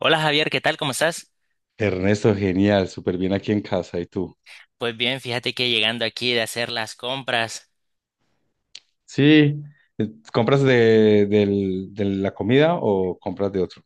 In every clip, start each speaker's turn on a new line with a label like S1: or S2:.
S1: Hola Javier, ¿qué tal? ¿Cómo estás?
S2: Ernesto, genial, súper bien aquí en casa. ¿Y tú?
S1: Pues bien, fíjate que llegando aquí de hacer las compras,
S2: Sí. ¿Compras de la comida o compras de otro?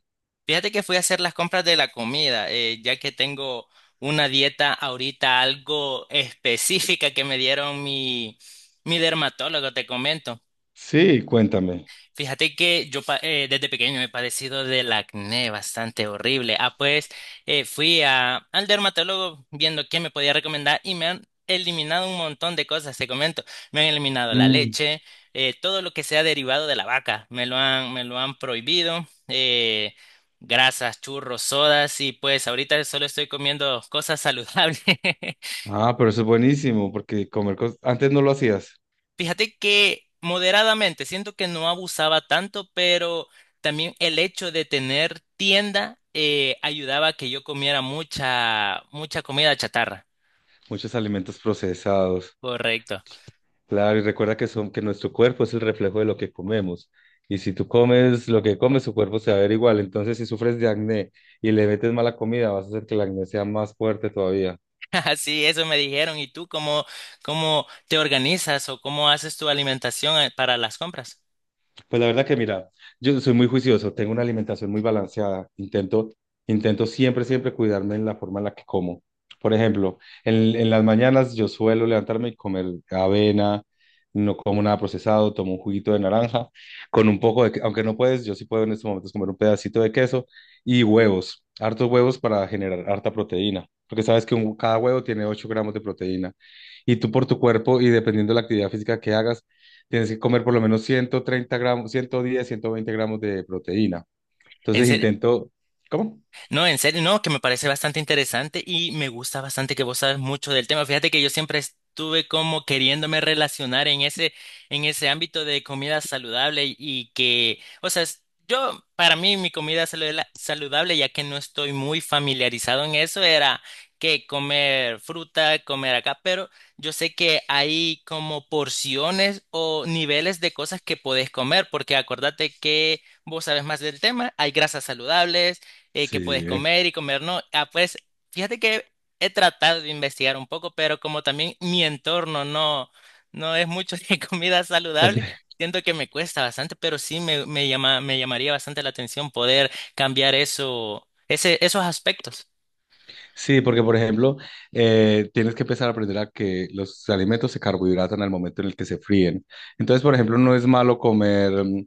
S1: fíjate que fui a hacer las compras de la comida, ya que tengo una dieta ahorita algo específica que me dieron mi dermatólogo, te comento.
S2: Sí, cuéntame.
S1: Fíjate que yo desde pequeño he padecido del acné bastante horrible. Ah, pues al dermatólogo viendo qué me podía recomendar y me han eliminado un montón de cosas, te comento. Me han eliminado la
S2: Mm.
S1: leche, todo lo que sea derivado de la vaca, me lo han prohibido, grasas, churros, sodas y pues ahorita solo estoy comiendo cosas saludables.
S2: Ah, pero eso es buenísimo, porque antes no lo hacías.
S1: Fíjate que moderadamente, siento que no abusaba tanto, pero también el hecho de tener tienda ayudaba a que yo comiera mucha comida chatarra.
S2: Muchos alimentos procesados.
S1: Correcto.
S2: Claro, y recuerda que son que nuestro cuerpo es el reflejo de lo que comemos. Y si tú comes lo que comes, tu cuerpo se va a ver igual. Entonces, si sufres de acné y le metes mala comida, vas a hacer que el acné sea más fuerte todavía.
S1: Así, eso me dijeron. ¿Y tú cómo te organizas o cómo haces tu alimentación para las compras?
S2: Pues la verdad que mira, yo soy muy juicioso, tengo una alimentación muy balanceada, intento siempre cuidarme en la forma en la que como. Por ejemplo, en las mañanas yo suelo levantarme y comer avena, no como nada procesado, tomo un juguito de naranja, con un poco aunque no puedes, yo sí puedo en estos momentos comer un pedacito de queso y huevos, hartos huevos para generar harta proteína, porque sabes que cada huevo tiene 8 gramos de proteína. Y tú por tu cuerpo y dependiendo de la actividad física que hagas, tienes que comer por lo menos 130 gramos, 110, 120 gramos de proteína. Entonces intento, ¿cómo?
S1: No, en serio, no, que me parece bastante interesante y me gusta bastante que vos sabes mucho del tema. Fíjate que yo siempre estuve como queriéndome relacionar en en ese ámbito de comida saludable y que, o sea, yo, para mí, mi saludable, ya que no estoy muy familiarizado en eso, era que comer fruta, comer acá, pero yo sé que hay como porciones o niveles de cosas que podés comer, porque acordate que vos sabes más del tema, hay grasas saludables qué puedes
S2: Sí,
S1: comer y comer no. Ah, pues fíjate que he tratado de investigar un poco, pero como también mi entorno no, no es mucho de comida saludable, siento que me cuesta bastante, pero me llamaría bastante la atención poder cambiar esos aspectos.
S2: sí, porque por ejemplo, tienes que empezar a aprender a que los alimentos se carbohidratan al momento en el que se fríen. Entonces, por ejemplo, no es malo comer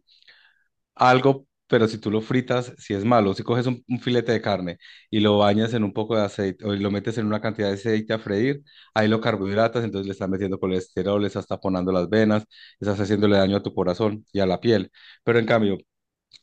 S2: algo, pero si tú lo fritas, si es malo. Si coges un filete de carne y lo bañas en un poco de aceite o lo metes en una cantidad de aceite a freír, ahí lo carbohidratas, entonces le estás metiendo colesterol, le estás taponando las venas, estás haciéndole daño a tu corazón y a la piel. Pero en cambio,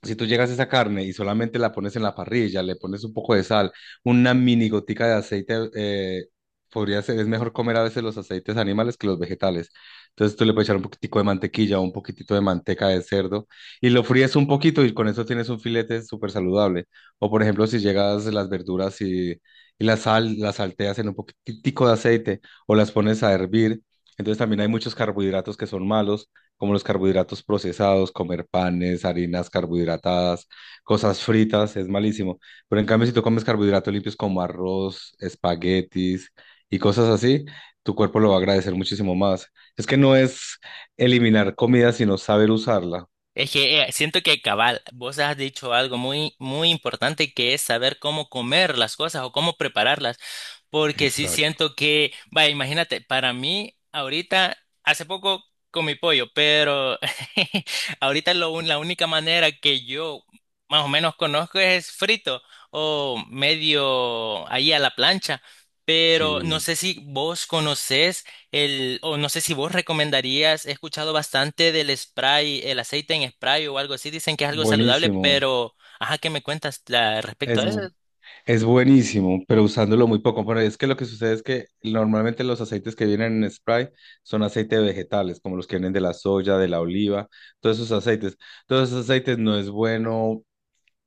S2: si tú llegas a esa carne y solamente la pones en la parrilla, le pones un poco de sal, una mini gotica de aceite, podría ser, es mejor comer a veces los aceites animales que los vegetales. Entonces tú le puedes echar un poquitico de mantequilla o un poquitito de manteca de cerdo y lo fríes un poquito y con eso tienes un filete súper saludable. O por ejemplo, si llegas las verduras y la sal, las salteas en un poquitico de aceite o las pones a hervir. Entonces también hay muchos carbohidratos que son malos como los carbohidratos procesados, comer panes, harinas carbohidratadas, cosas fritas, es malísimo. Pero en cambio, si tú comes carbohidratos limpios como arroz, espaguetis y cosas así, tu cuerpo lo va a agradecer muchísimo más. Es que no es eliminar comida, sino saber usarla.
S1: Es que siento que cabal, vos has dicho algo muy importante que es saber cómo comer las cosas o cómo prepararlas, porque sí
S2: Exacto.
S1: siento que, vaya, imagínate, para mí ahorita, hace poco comí pollo, pero ahorita la única manera que yo más o menos conozco es frito o medio ahí a la plancha, pero
S2: Sí.
S1: no sé si vos conocés. O no sé si vos recomendarías, he escuchado bastante del spray, el aceite en spray o algo así, dicen que es algo saludable,
S2: Buenísimo.
S1: pero, ajá, ¿qué me cuentas respecto a
S2: Es,
S1: eso?
S2: Es buenísimo, pero usándolo muy poco. Bueno, es que lo que sucede es que normalmente los aceites que vienen en spray son aceites vegetales, como los que vienen de la soya, de la oliva, todos esos aceites. Todos esos aceites no es bueno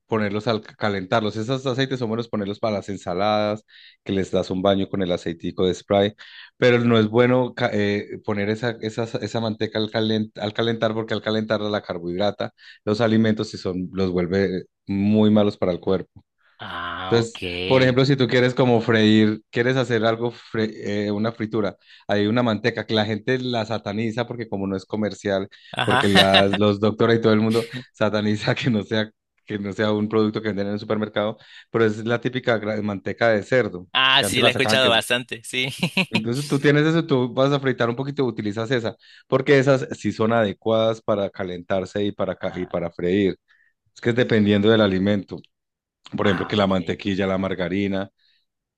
S2: ponerlos al calentarlos. Esos aceites son buenos ponerlos para las ensaladas, que les das un baño con el aceitico de spray, pero no es bueno poner esa manteca al al calentar, porque al calentarla la carbohidrata, los alimentos, y son, los vuelve muy malos para el cuerpo.
S1: Ah,
S2: Entonces, por ejemplo,
S1: ok.
S2: si tú quieres como freír, quieres hacer algo, una fritura, hay una manteca que la gente la sataniza porque como no es comercial,
S1: Ajá.
S2: porque los doctores y todo el mundo sataniza que no sea un producto que venden en el supermercado, pero es la típica manteca de cerdo,
S1: Ah,
S2: que
S1: sí,
S2: antes
S1: la
S2: la
S1: he
S2: sacaban que
S1: escuchado
S2: es...
S1: bastante, sí.
S2: Entonces tú tienes eso, tú vas a fritar un poquito, utilizas esa, porque esas sí son adecuadas para calentarse y
S1: Ah,
S2: para freír. Es que es dependiendo del alimento. Por ejemplo,
S1: ah,
S2: que la
S1: ok.
S2: mantequilla, la margarina.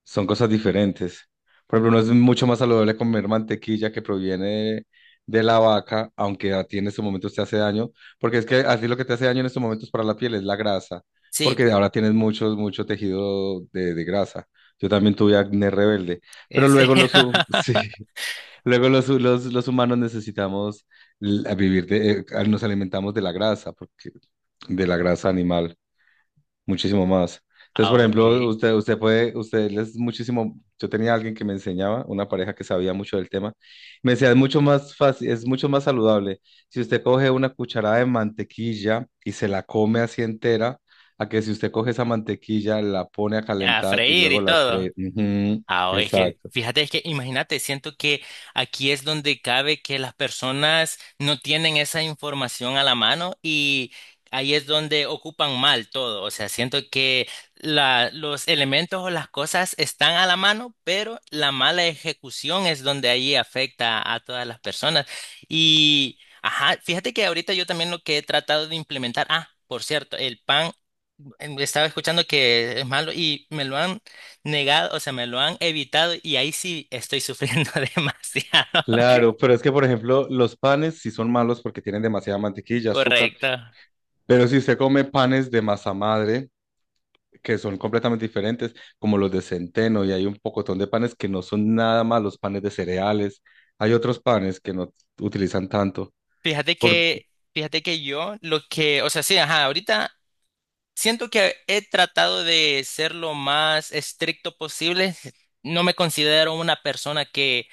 S2: Son cosas diferentes. Por ejemplo, uno es mucho más saludable comer mantequilla que proviene de la vaca, aunque a ti en estos momentos te hace daño, porque es que así lo que te hace daño en estos momentos para la piel es la grasa,
S1: Sí,
S2: porque ahora tienes mucho, mucho tejido de grasa. Yo también tuve acné rebelde, pero
S1: en
S2: luego
S1: serio.
S2: sí, luego los humanos necesitamos nos alimentamos de la grasa, porque de la grasa animal muchísimo más. Entonces,
S1: Ah,
S2: por
S1: ok.
S2: ejemplo, usted puede, usted es muchísimo, yo tenía alguien que me enseñaba, una pareja que sabía mucho del tema, me decía, es mucho más fácil, es mucho más saludable. Si usted coge una cucharada de mantequilla y se la come así entera, a que si usted coge esa mantequilla, la pone a
S1: A
S2: calentar y
S1: freír
S2: luego
S1: y
S2: la
S1: todo.
S2: fríe. Ujú,
S1: Ah, es que,
S2: exacto.
S1: fíjate, es que imagínate, siento que aquí es donde cabe que las personas no tienen esa información a la mano y ahí es donde ocupan mal todo. O sea, siento que los elementos o las cosas están a la mano, pero la mala ejecución es donde ahí afecta a todas las personas. Y, ajá, fíjate que ahorita yo también lo que he tratado de implementar, ah, por cierto, el pan estaba escuchando que es malo y me lo han negado, o sea, me lo han evitado y ahí sí estoy sufriendo demasiado.
S2: Claro, pero es que, por ejemplo, los panes sí son malos porque tienen demasiada mantequilla, azúcar,
S1: Correcto.
S2: pero si usted come panes de masa madre, que son completamente diferentes, como los de centeno, y hay un pocotón de panes que no son nada más los panes de cereales. Hay otros panes que no utilizan tanto. Por...
S1: Fíjate que yo lo que, o sea, sí, ajá, ahorita siento que he tratado de ser lo más estricto posible. No me considero una persona que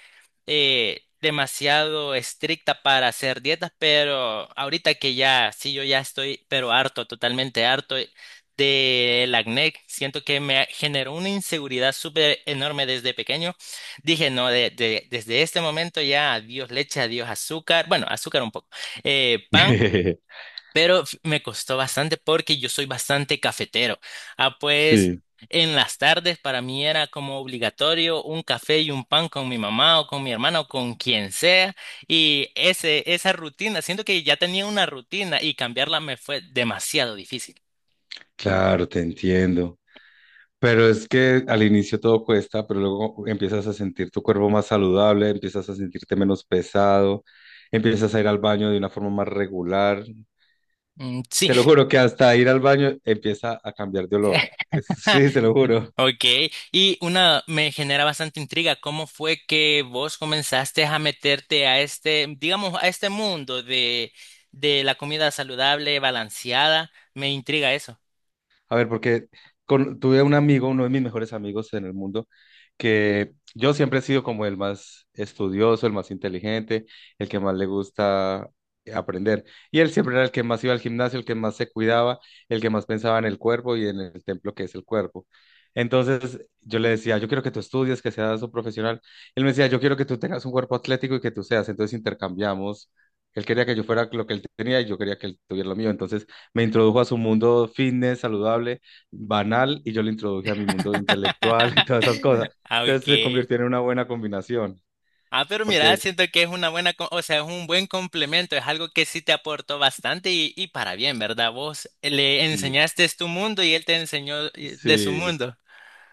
S1: demasiado estricta para hacer dietas, pero ahorita que ya, sí, yo ya estoy, pero harto, totalmente harto del acné. Siento que me generó una inseguridad súper enorme desde pequeño. Dije, no, desde este momento ya adiós leche, adiós azúcar, bueno, azúcar un poco, pan pero me costó bastante porque yo soy bastante cafetero. Ah, pues
S2: Sí,
S1: en las tardes para mí era como obligatorio un café y un pan con mi mamá o con mi hermana o con quien sea. Esa rutina, siento que ya tenía una rutina y cambiarla me fue demasiado difícil.
S2: claro, te entiendo. Pero es que al inicio todo cuesta, pero luego empiezas a sentir tu cuerpo más saludable, empiezas a sentirte menos pesado, empiezas a ir al baño de una forma más regular.
S1: Mm, sí,
S2: Te lo juro que hasta ir al baño empieza a cambiar de olor. Es- Sí, se lo juro.
S1: ok, y una me genera bastante intriga, ¿cómo fue que vos comenzaste a meterte a este, digamos, a este mundo de la comida saludable, balanceada? Me intriga eso.
S2: A ver, porque tuve un amigo, uno de mis mejores amigos en el mundo, que yo siempre he sido como el más estudioso, el más inteligente, el que más le gusta aprender. Y él siempre era el que más iba al gimnasio, el que más se cuidaba, el que más pensaba en el cuerpo y en el templo que es el cuerpo. Entonces yo le decía, yo quiero que tú estudies, que seas un profesional. Él me decía, yo quiero que tú tengas un cuerpo atlético y que tú seas. Entonces intercambiamos. Él quería que yo fuera lo que él tenía y yo quería que él tuviera lo mío. Entonces me introdujo a su mundo fitness, saludable, banal, y yo le introduje a mi mundo intelectual y todas esas cosas.
S1: Ah,
S2: Entonces se
S1: ok.
S2: convirtió en una buena combinación,
S1: Ah, pero mira,
S2: porque
S1: siento que es una o sea, es un buen complemento, es algo que sí te aportó bastante y para bien, ¿verdad? Vos le
S2: sí,
S1: enseñaste tu mundo y él te enseñó de su
S2: sí,
S1: mundo.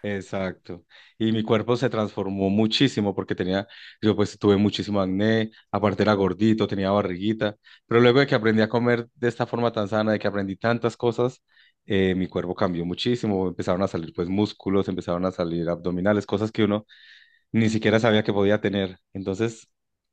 S2: exacto. Y mi cuerpo se transformó muchísimo porque yo pues tuve muchísimo acné, aparte era gordito, tenía barriguita, pero luego de que aprendí a comer de esta forma tan sana, de que aprendí tantas cosas, mi cuerpo cambió muchísimo, empezaron a salir pues músculos, empezaron a salir abdominales, cosas que uno ni siquiera sabía que podía tener. Entonces,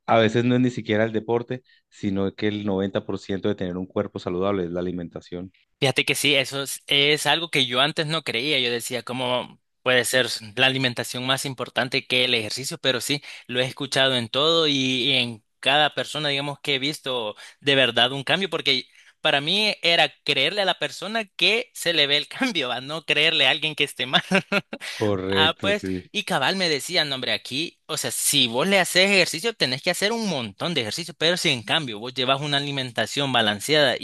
S2: a veces no es ni siquiera el deporte, sino que el 90% de tener un cuerpo saludable es la alimentación.
S1: Fíjate que sí, es algo que yo antes no creía. Yo decía, ¿cómo puede ser la alimentación más importante que el ejercicio? Pero sí, lo he escuchado en todo y en cada persona, digamos, que he visto de verdad un cambio, porque para mí era creerle a la persona que se le ve el cambio, a no creerle a alguien que esté mal. Ah,
S2: Correcto,
S1: pues,
S2: sí.
S1: y cabal me decía, no, hombre, aquí, o sea, si vos le haces ejercicio, tenés que hacer un montón de ejercicio, pero si en cambio vos llevas una alimentación balanceada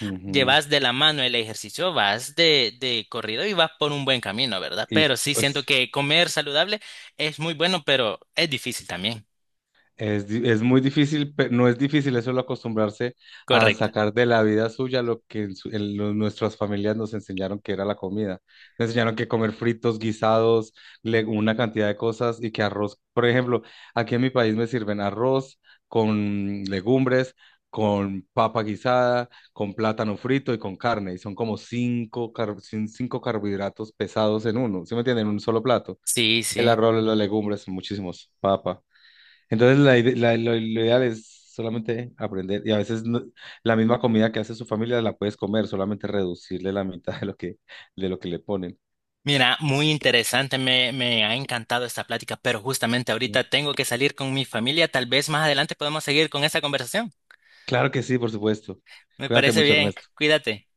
S2: Ujú.
S1: llevas de la mano el ejercicio, vas de corrido y vas por un buen camino, ¿verdad?
S2: Y
S1: Pero sí siento
S2: pues
S1: que comer saludable es muy bueno, pero es difícil también.
S2: Es muy difícil, pero no es difícil, eso solo acostumbrarse a
S1: Correcto.
S2: sacar de la vida suya lo que en nuestras familias nos enseñaron que era la comida. Nos enseñaron que comer fritos, guisados, una cantidad de cosas y que arroz, por ejemplo, aquí en mi país me sirven arroz con legumbres, con papa guisada, con plátano frito y con carne. Y son como cinco carbohidratos pesados en uno, ¿sí me entienden? En un solo plato.
S1: Sí,
S2: El
S1: sí.
S2: arroz, las legumbres, muchísimos, papa. Entonces, la, ide- la- lo ideal es solamente aprender. Y a veces la misma comida que hace su familia la puedes comer, solamente reducirle la mitad de lo que, le ponen.
S1: Mira, muy interesante, me ha encantado esta plática, pero justamente
S2: Sí.
S1: ahorita tengo que salir con mi familia, tal vez más adelante podemos seguir con esta conversación.
S2: Claro que sí, por supuesto.
S1: Me
S2: Cuídate
S1: parece
S2: mucho,
S1: bien,
S2: Ernesto.
S1: cuídate.